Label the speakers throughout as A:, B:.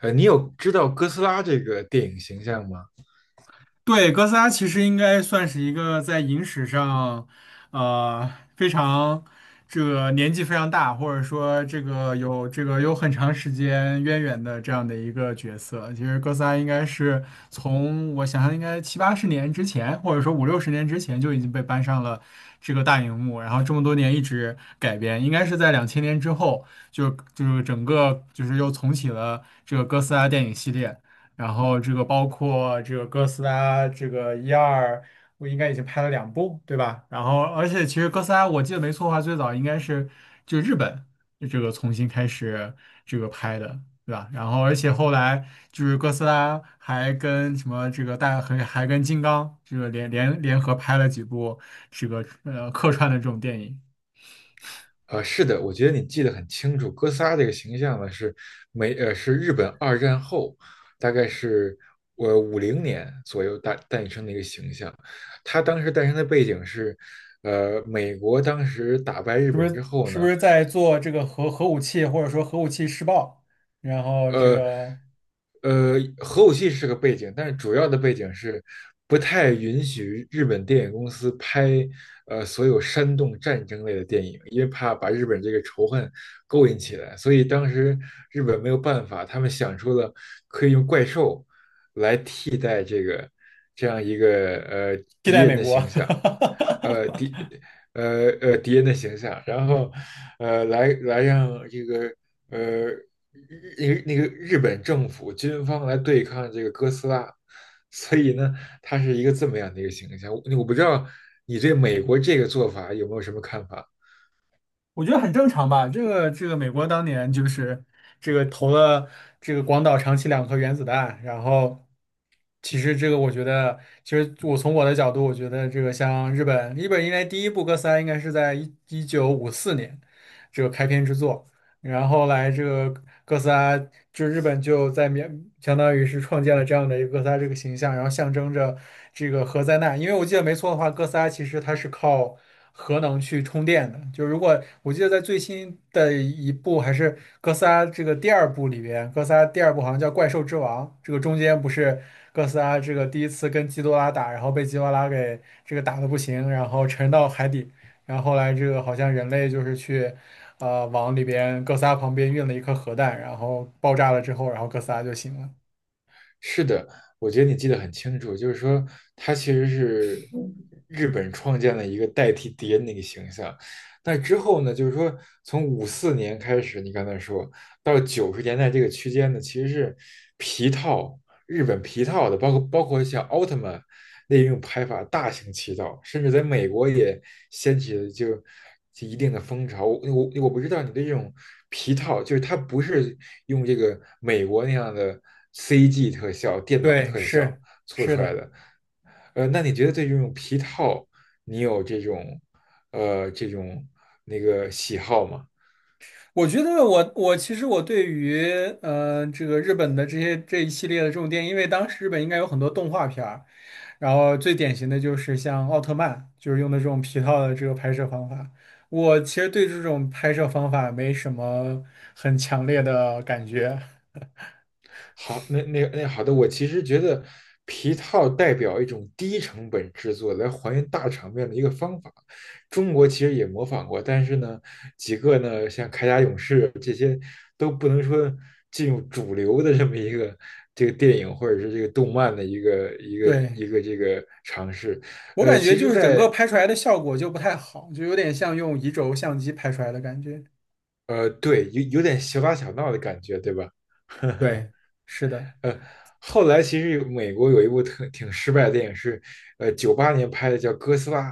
A: 你有知道哥斯拉这个电影形象吗？
B: 对，哥斯拉其实应该算是一个在影史上，呃，非常这个年纪非常大，或者说这个有很长时间渊源的这样的一个角色。其实哥斯拉应该是从我想象应该七八十年之前，或者说五六十年之前就已经被搬上了这个大荧幕，然后这么多年一直改编，应该是在两千年之后就是整个就是又重启了这个哥斯拉电影系列。然后这个包括这个哥斯拉，这个一二，我应该已经拍了两部，对吧？然后而且其实哥斯拉，我记得没错的话，最早应该是就日本这个重新开始这个拍的，对吧？然后而且后来就是哥斯拉还跟什么这个还跟金刚这个联合拍了几部这个客串的这种电影，
A: 是的，我觉得你记得很清楚。哥斯拉这个形象呢，是是日本二战后，大概是50年左右诞生的一个形象。它当时诞生的背景是，美国当时打败日
B: 是不
A: 本之
B: 是？
A: 后
B: 是不
A: 呢，
B: 是在做这个核武器，或者说核武器试爆？然后这
A: 呃
B: 个
A: 核武器是个背景，但是主要的背景是不太允许日本电影公司拍所有煽动战争类的电影，因为怕把日本这个仇恨勾引起来，所以当时日本没有办法，他们想出了可以用怪兽这样一个
B: 替
A: 敌
B: 代
A: 人
B: 美
A: 的
B: 国。
A: 形 象，呃敌敌人的形象，然后呃来来让这个呃那个日本政府军方来对抗这个哥斯拉，所以呢，它是一个这么样的一个形象。我不知道你对美国这个做法有没有什么看法？
B: 我觉得很正常吧。这个，美国当年就是这个投了这个广岛、长崎两颗原子弹，然后其实这个我觉得，其实我从我的角度，我觉得这个像日本，日本应该第一部哥斯拉应该是在一九五四年这个开篇之作然后来这个哥斯拉，就日本就在描，相当于是创建了这样的一个哥斯拉这个形象，然后象征着这个核灾难。因为我记得没错的话，哥斯拉其实它是靠核能去充电的。就如果我记得在最新的一部还是哥斯拉这个第二部里边，哥斯拉第二部好像叫《怪兽之王》，这个中间不是哥斯拉这个第一次跟基多拉打，然后被基多拉给这个打的不行，然后沉到海底。然后后来这个好像人类就是去。往里边哥斯拉旁边运了一颗核弹，然后爆炸了之后，然后哥斯拉就醒了。
A: 是的，我觉得你记得很清楚，就是说它其实是日本创建了一个代替敌人的一个形象。那之后呢，就是说从54年开始，你刚才说到90年代这个区间呢，其实是皮套日本皮套的，包括像奥特曼那种拍法大行其道，甚至在美国也掀起了就一定的风潮。我不知道你对这种皮套，就是它不是用这个美国那样的 CG 特效、电脑
B: 对，
A: 特效
B: 是
A: 做
B: 是
A: 出来
B: 的，
A: 的，那你觉得对这种皮套，你有这种呃这种那个喜好吗？
B: 我觉得我其实我对于这个日本的这些这一系列的这种电影，因为当时日本应该有很多动画片儿，然后最典型的就是像奥特曼，就是用的这种皮套的这个拍摄方法。我其实对这种拍摄方法没什么很强烈的感觉，
A: 好，那那那好的，我其实觉得皮套代表一种低成本制作来还原大场面的一个方法。中国其实也模仿过，但是呢，几个呢像铠甲勇士这些都不能说进入主流的这么一个这个电影或者是这个动漫的一个一个
B: 对
A: 一 个这个尝试。
B: 我
A: 呃，
B: 感觉
A: 其
B: 就
A: 实
B: 是整个
A: 在，
B: 拍出来的效果就不太好，就有点像用移轴相机拍出来的感觉。
A: 对有点小打小闹的感觉，对吧？
B: 对，是的，
A: 呃，后来其实有美国有一部特挺失败的电影是，呃，98年拍的叫《哥斯拉》，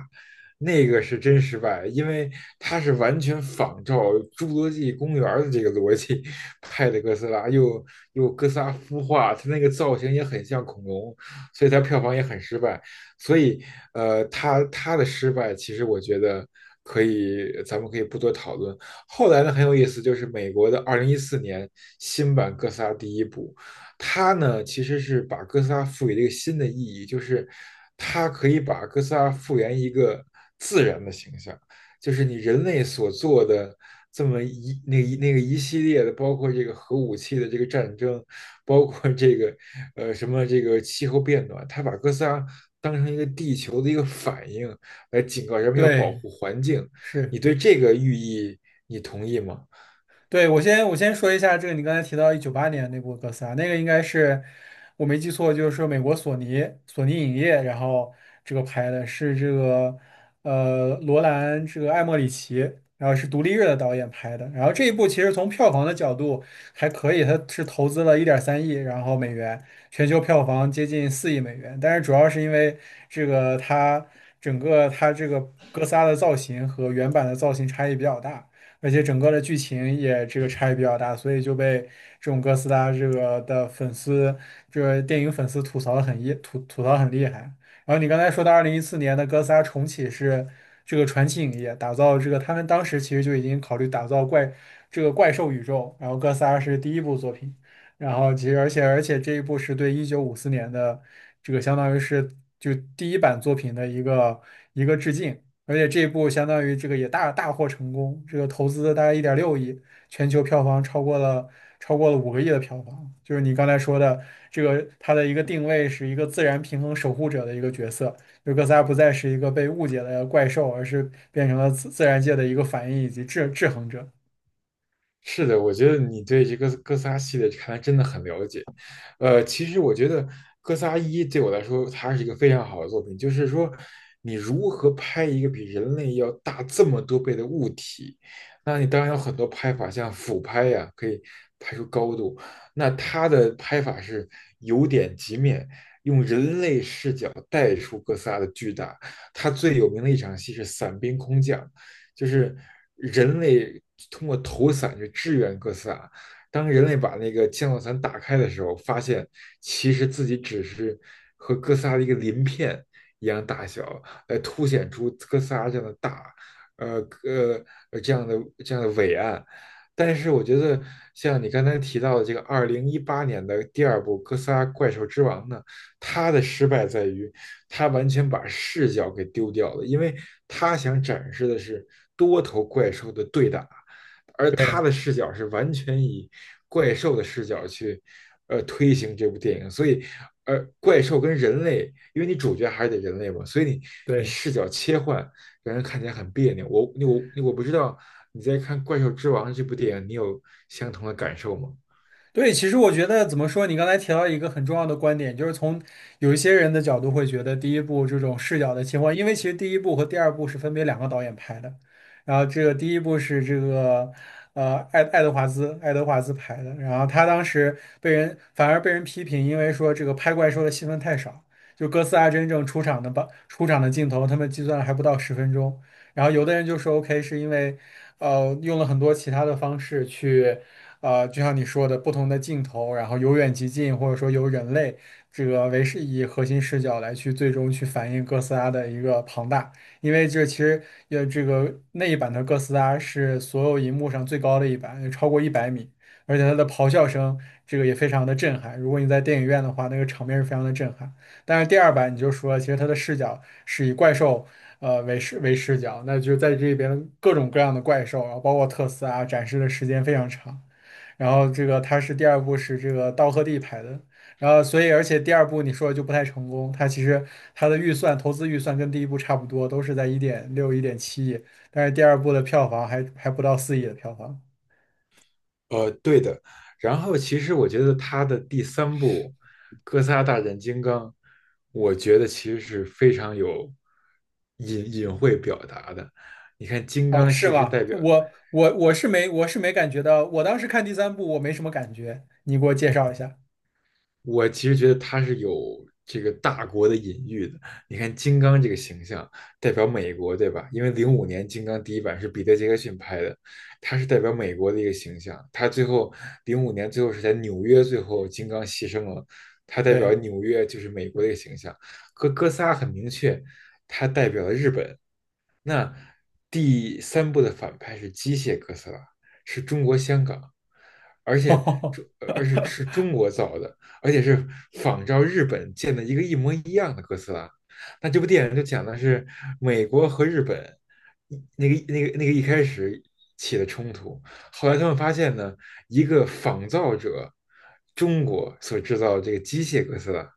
A: 那个是真失败，因为它是完全仿照《侏罗纪公园》的这个逻辑拍的哥斯拉，又哥斯拉孵化，它那个造型也很像恐龙，所以它票房也很失败。所以，呃，它的失败，其实我觉得可以，咱们可以不多讨论。后来呢，很有意思，就是美国的2014年新版哥斯拉第一部。它呢其实是把哥斯拉赋予了一个新的意义，就是它可以把哥斯拉复原一个自然的形象，就是你人类所做的这么一那一那个一系列的，包括这个核武器的这个战争，包括这个呃什么这个气候变暖，它把哥斯拉当成一个地球的一个反应来警告人们要保
B: 对，
A: 护环境。
B: 是。
A: 你对这个寓意你同意吗？
B: 对，我先说一下这个，你刚才提到一九八年那部哥斯拉，那个应该是我没记错，就是说美国索尼影业，然后这个拍的是这个罗兰这个艾莫里奇，然后是独立日的导演拍的，然后这一部其实从票房的角度还可以，它是投资了1.3亿然后美元，全球票房接近4亿美元，但是主要是因为这个它整个它这个哥斯拉的造型和原版的造型差异比较大。而且整个的剧情也这个差异比较大，所以就被这种哥斯拉这个的粉丝，这个电影粉丝吐槽很厉害。然后你刚才说的2014年的哥斯拉重启是这个传奇影业打造这个，他们当时其实就已经考虑打造这个怪兽宇宙，然后哥斯拉是第一部作品，然后其实而且这一部是对一九五四年的这个相当于是就第一版作品的一个致敬，而且这一部相当于这个也大大获成功，这个投资大概1.6亿，全球票房超过了五个亿的票房。就是你刚才说的，这个它的一个定位是一个自然平衡守护者的一个角色，就哥斯拉不再是一个被误解的怪兽，而是变成了自然界的一个反应以及制衡者。
A: 是的，我觉得你对这个哥斯拉系列看来真的很了解。呃，其实我觉得《哥斯拉一》对我来说，它是一个非常好的作品，就是说你如何拍一个比人类要大这么多倍的物体，那你当然有很多拍法，像俯拍呀、可以拍出高度。那它的拍法是由点及面，用人类视角带出哥斯拉的巨大。它最有名的一场戏是伞兵空降。就是人类通过投伞去支援哥斯拉。当人类把那个降落伞打开的时候，发现其实自己只是和哥斯拉的一个鳞片一样大小，来凸显出哥斯拉这样的大，呃呃这样的这样的伟岸。但是我觉得，像你刚才提到的这个2018年的第二部《哥斯拉：怪兽之王》呢，他的失败在于他完全把视角给丢掉了，因为他想展示的是多头怪兽的对打，而他
B: 对。
A: 的视角是完全以怪兽的视角去推行这部电影，所以怪兽跟人类，因为你主角还是得人类嘛，所以你
B: 对。
A: 视角切换让人看起来很别扭。我不知道你在看《怪兽之王》这部电影，你有相同的感受吗？
B: 对，其实我觉得怎么说，你刚才提到一个很重要的观点，就是从有一些人的角度会觉得第一部这种视角的情况，因为其实第一部和第二部是分别两个导演拍的，然后这个第一部是这个爱德华兹拍的，然后他当时被人反而被人批评，因为说这个拍怪兽的戏份太少，就哥斯拉真正出场的镜头，他们计算了还不到10分钟，然后有的人就说 OK 是因为。用了很多其他的方式去就像你说的，不同的镜头，然后由远及近，或者说由人类这个为是以核心视角来去最终去反映哥斯拉的一个庞大。因为这其实这个那一版的哥斯拉是所有银幕上最高的一版，超过100米，而且它的咆哮声这个也非常的震撼。如果你在电影院的话，那个场面是非常的震撼。但是第二版你就说了，其实它的视角是以怪兽。为视角，那就在这边各种各样的怪兽，然后包括特斯拉展示的时间非常长。然后这个他是第二部是这个道贺地拍的，然后所以而且第二部你说的就不太成功，他其实他的投资预算跟第一部差不多，都是在1.6、1.7亿，但是第二部的票房还不到四亿的票房。
A: 呃，对的。然后其实我觉得他的第三部《哥斯拉大战金刚》，我觉得其实是非常有隐晦表达的。你看，金
B: 哦，
A: 刚
B: 是
A: 其实
B: 吗？
A: 代
B: 这
A: 表
B: 我是没感觉到，我当时看第三部我没什么感觉，你给我介绍一下。
A: 我其实觉得他是有这个大国的隐喻的。你看金刚这个形象代表美国，对吧？因为零五年金刚第一版是彼得·杰克逊拍的，他是代表美国的一个形象。他最后零五年最后是在纽约，最后金刚牺牲了，他代
B: 对，
A: 表纽约就是美国的一个形象。和哥斯拉很明确，他代表了日本，那第三部的反派是机械哥斯拉，是中国香港，而且中而且是 中国造的，而且是仿照日本建的一个一模一样的哥斯拉。那这部电影就讲的是美国和日本一那个那个那个一开始起的冲突，后来他们发现呢，一个仿造者中国所制造的这个机械哥斯拉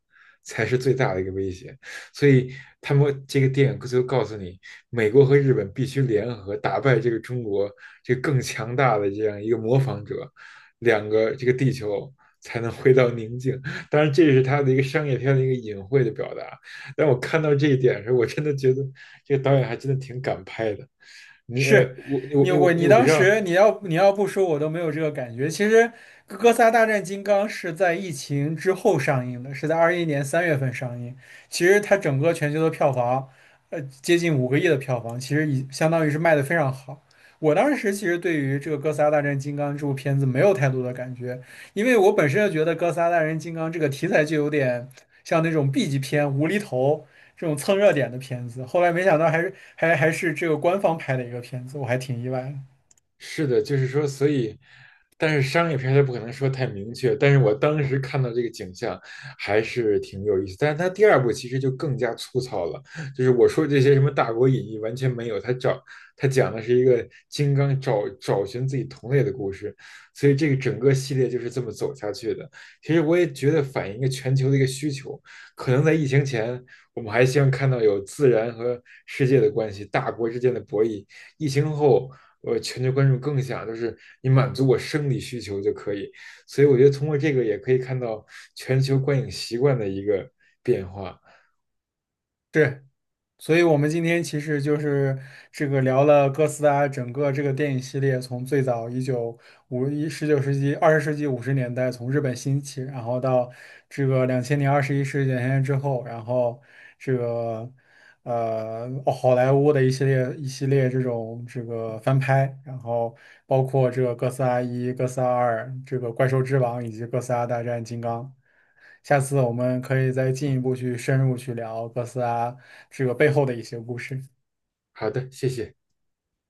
A: 才是最大的一个威胁。所以他们这个电影就告诉你，美国和日本必须联合打败这个中国这个更强大的这样一个模仿者，两个这个地球才能回到宁静。当然，这是他的一个商业片的一个隐晦的表达。但我看到这一点的时候，我真的觉得这个导演还真的挺敢拍的。你呃
B: 是
A: 我我我
B: 你
A: 我不
B: 当
A: 知道。
B: 时你要不说我都没有这个感觉。其实《哥斯拉大战金刚》是在疫情之后上映的，是在2021年3月份上映。其实它整个全球的票房，接近五个亿的票房，其实已相当于是卖的非常好。我当时其实对于这个《哥斯拉大战金刚》这部片子没有太多的感觉，因为我本身就觉得《哥斯拉大战金刚》这个题材就有点像那种 B 级片无厘头，这种蹭热点的片子。后来没想到还是这个官方拍的一个片子，我还挺意外的。
A: 是的，就是说，所以，但是商业片它不可能说太明确。但是我当时看到这个景象还是挺有意思，但是它第二部其实就更加粗糙了，就是我说这些什么大国隐逸完全没有，它讲的是一个金刚找寻自己同类的故事，所以这个整个系列就是这么走下去的。其实我也觉得反映一个全球的一个需求，可能在疫情前。我们还希望看到有自然和世界的关系，大国之间的博弈。疫情后，我全球观众更想就是你满足我生理需求就可以。所以我觉得通过这个也可以看到全球观影习惯的一个变化。
B: 对。所以我们今天其实就是这个聊了哥斯拉整个这个电影系列，从最早一九五一十九世纪20世纪50年代从日本兴起，然后到这个两千年21世纪两千年之后，然后这个哦好莱坞的一系列这种这个翻拍，然后包括这个哥斯拉1、哥斯拉2、这个怪兽之王以及哥斯拉大战金刚。下次我们可以再进一步去深入去聊哥斯拉这个背后的一些故事。
A: 好的，谢谢。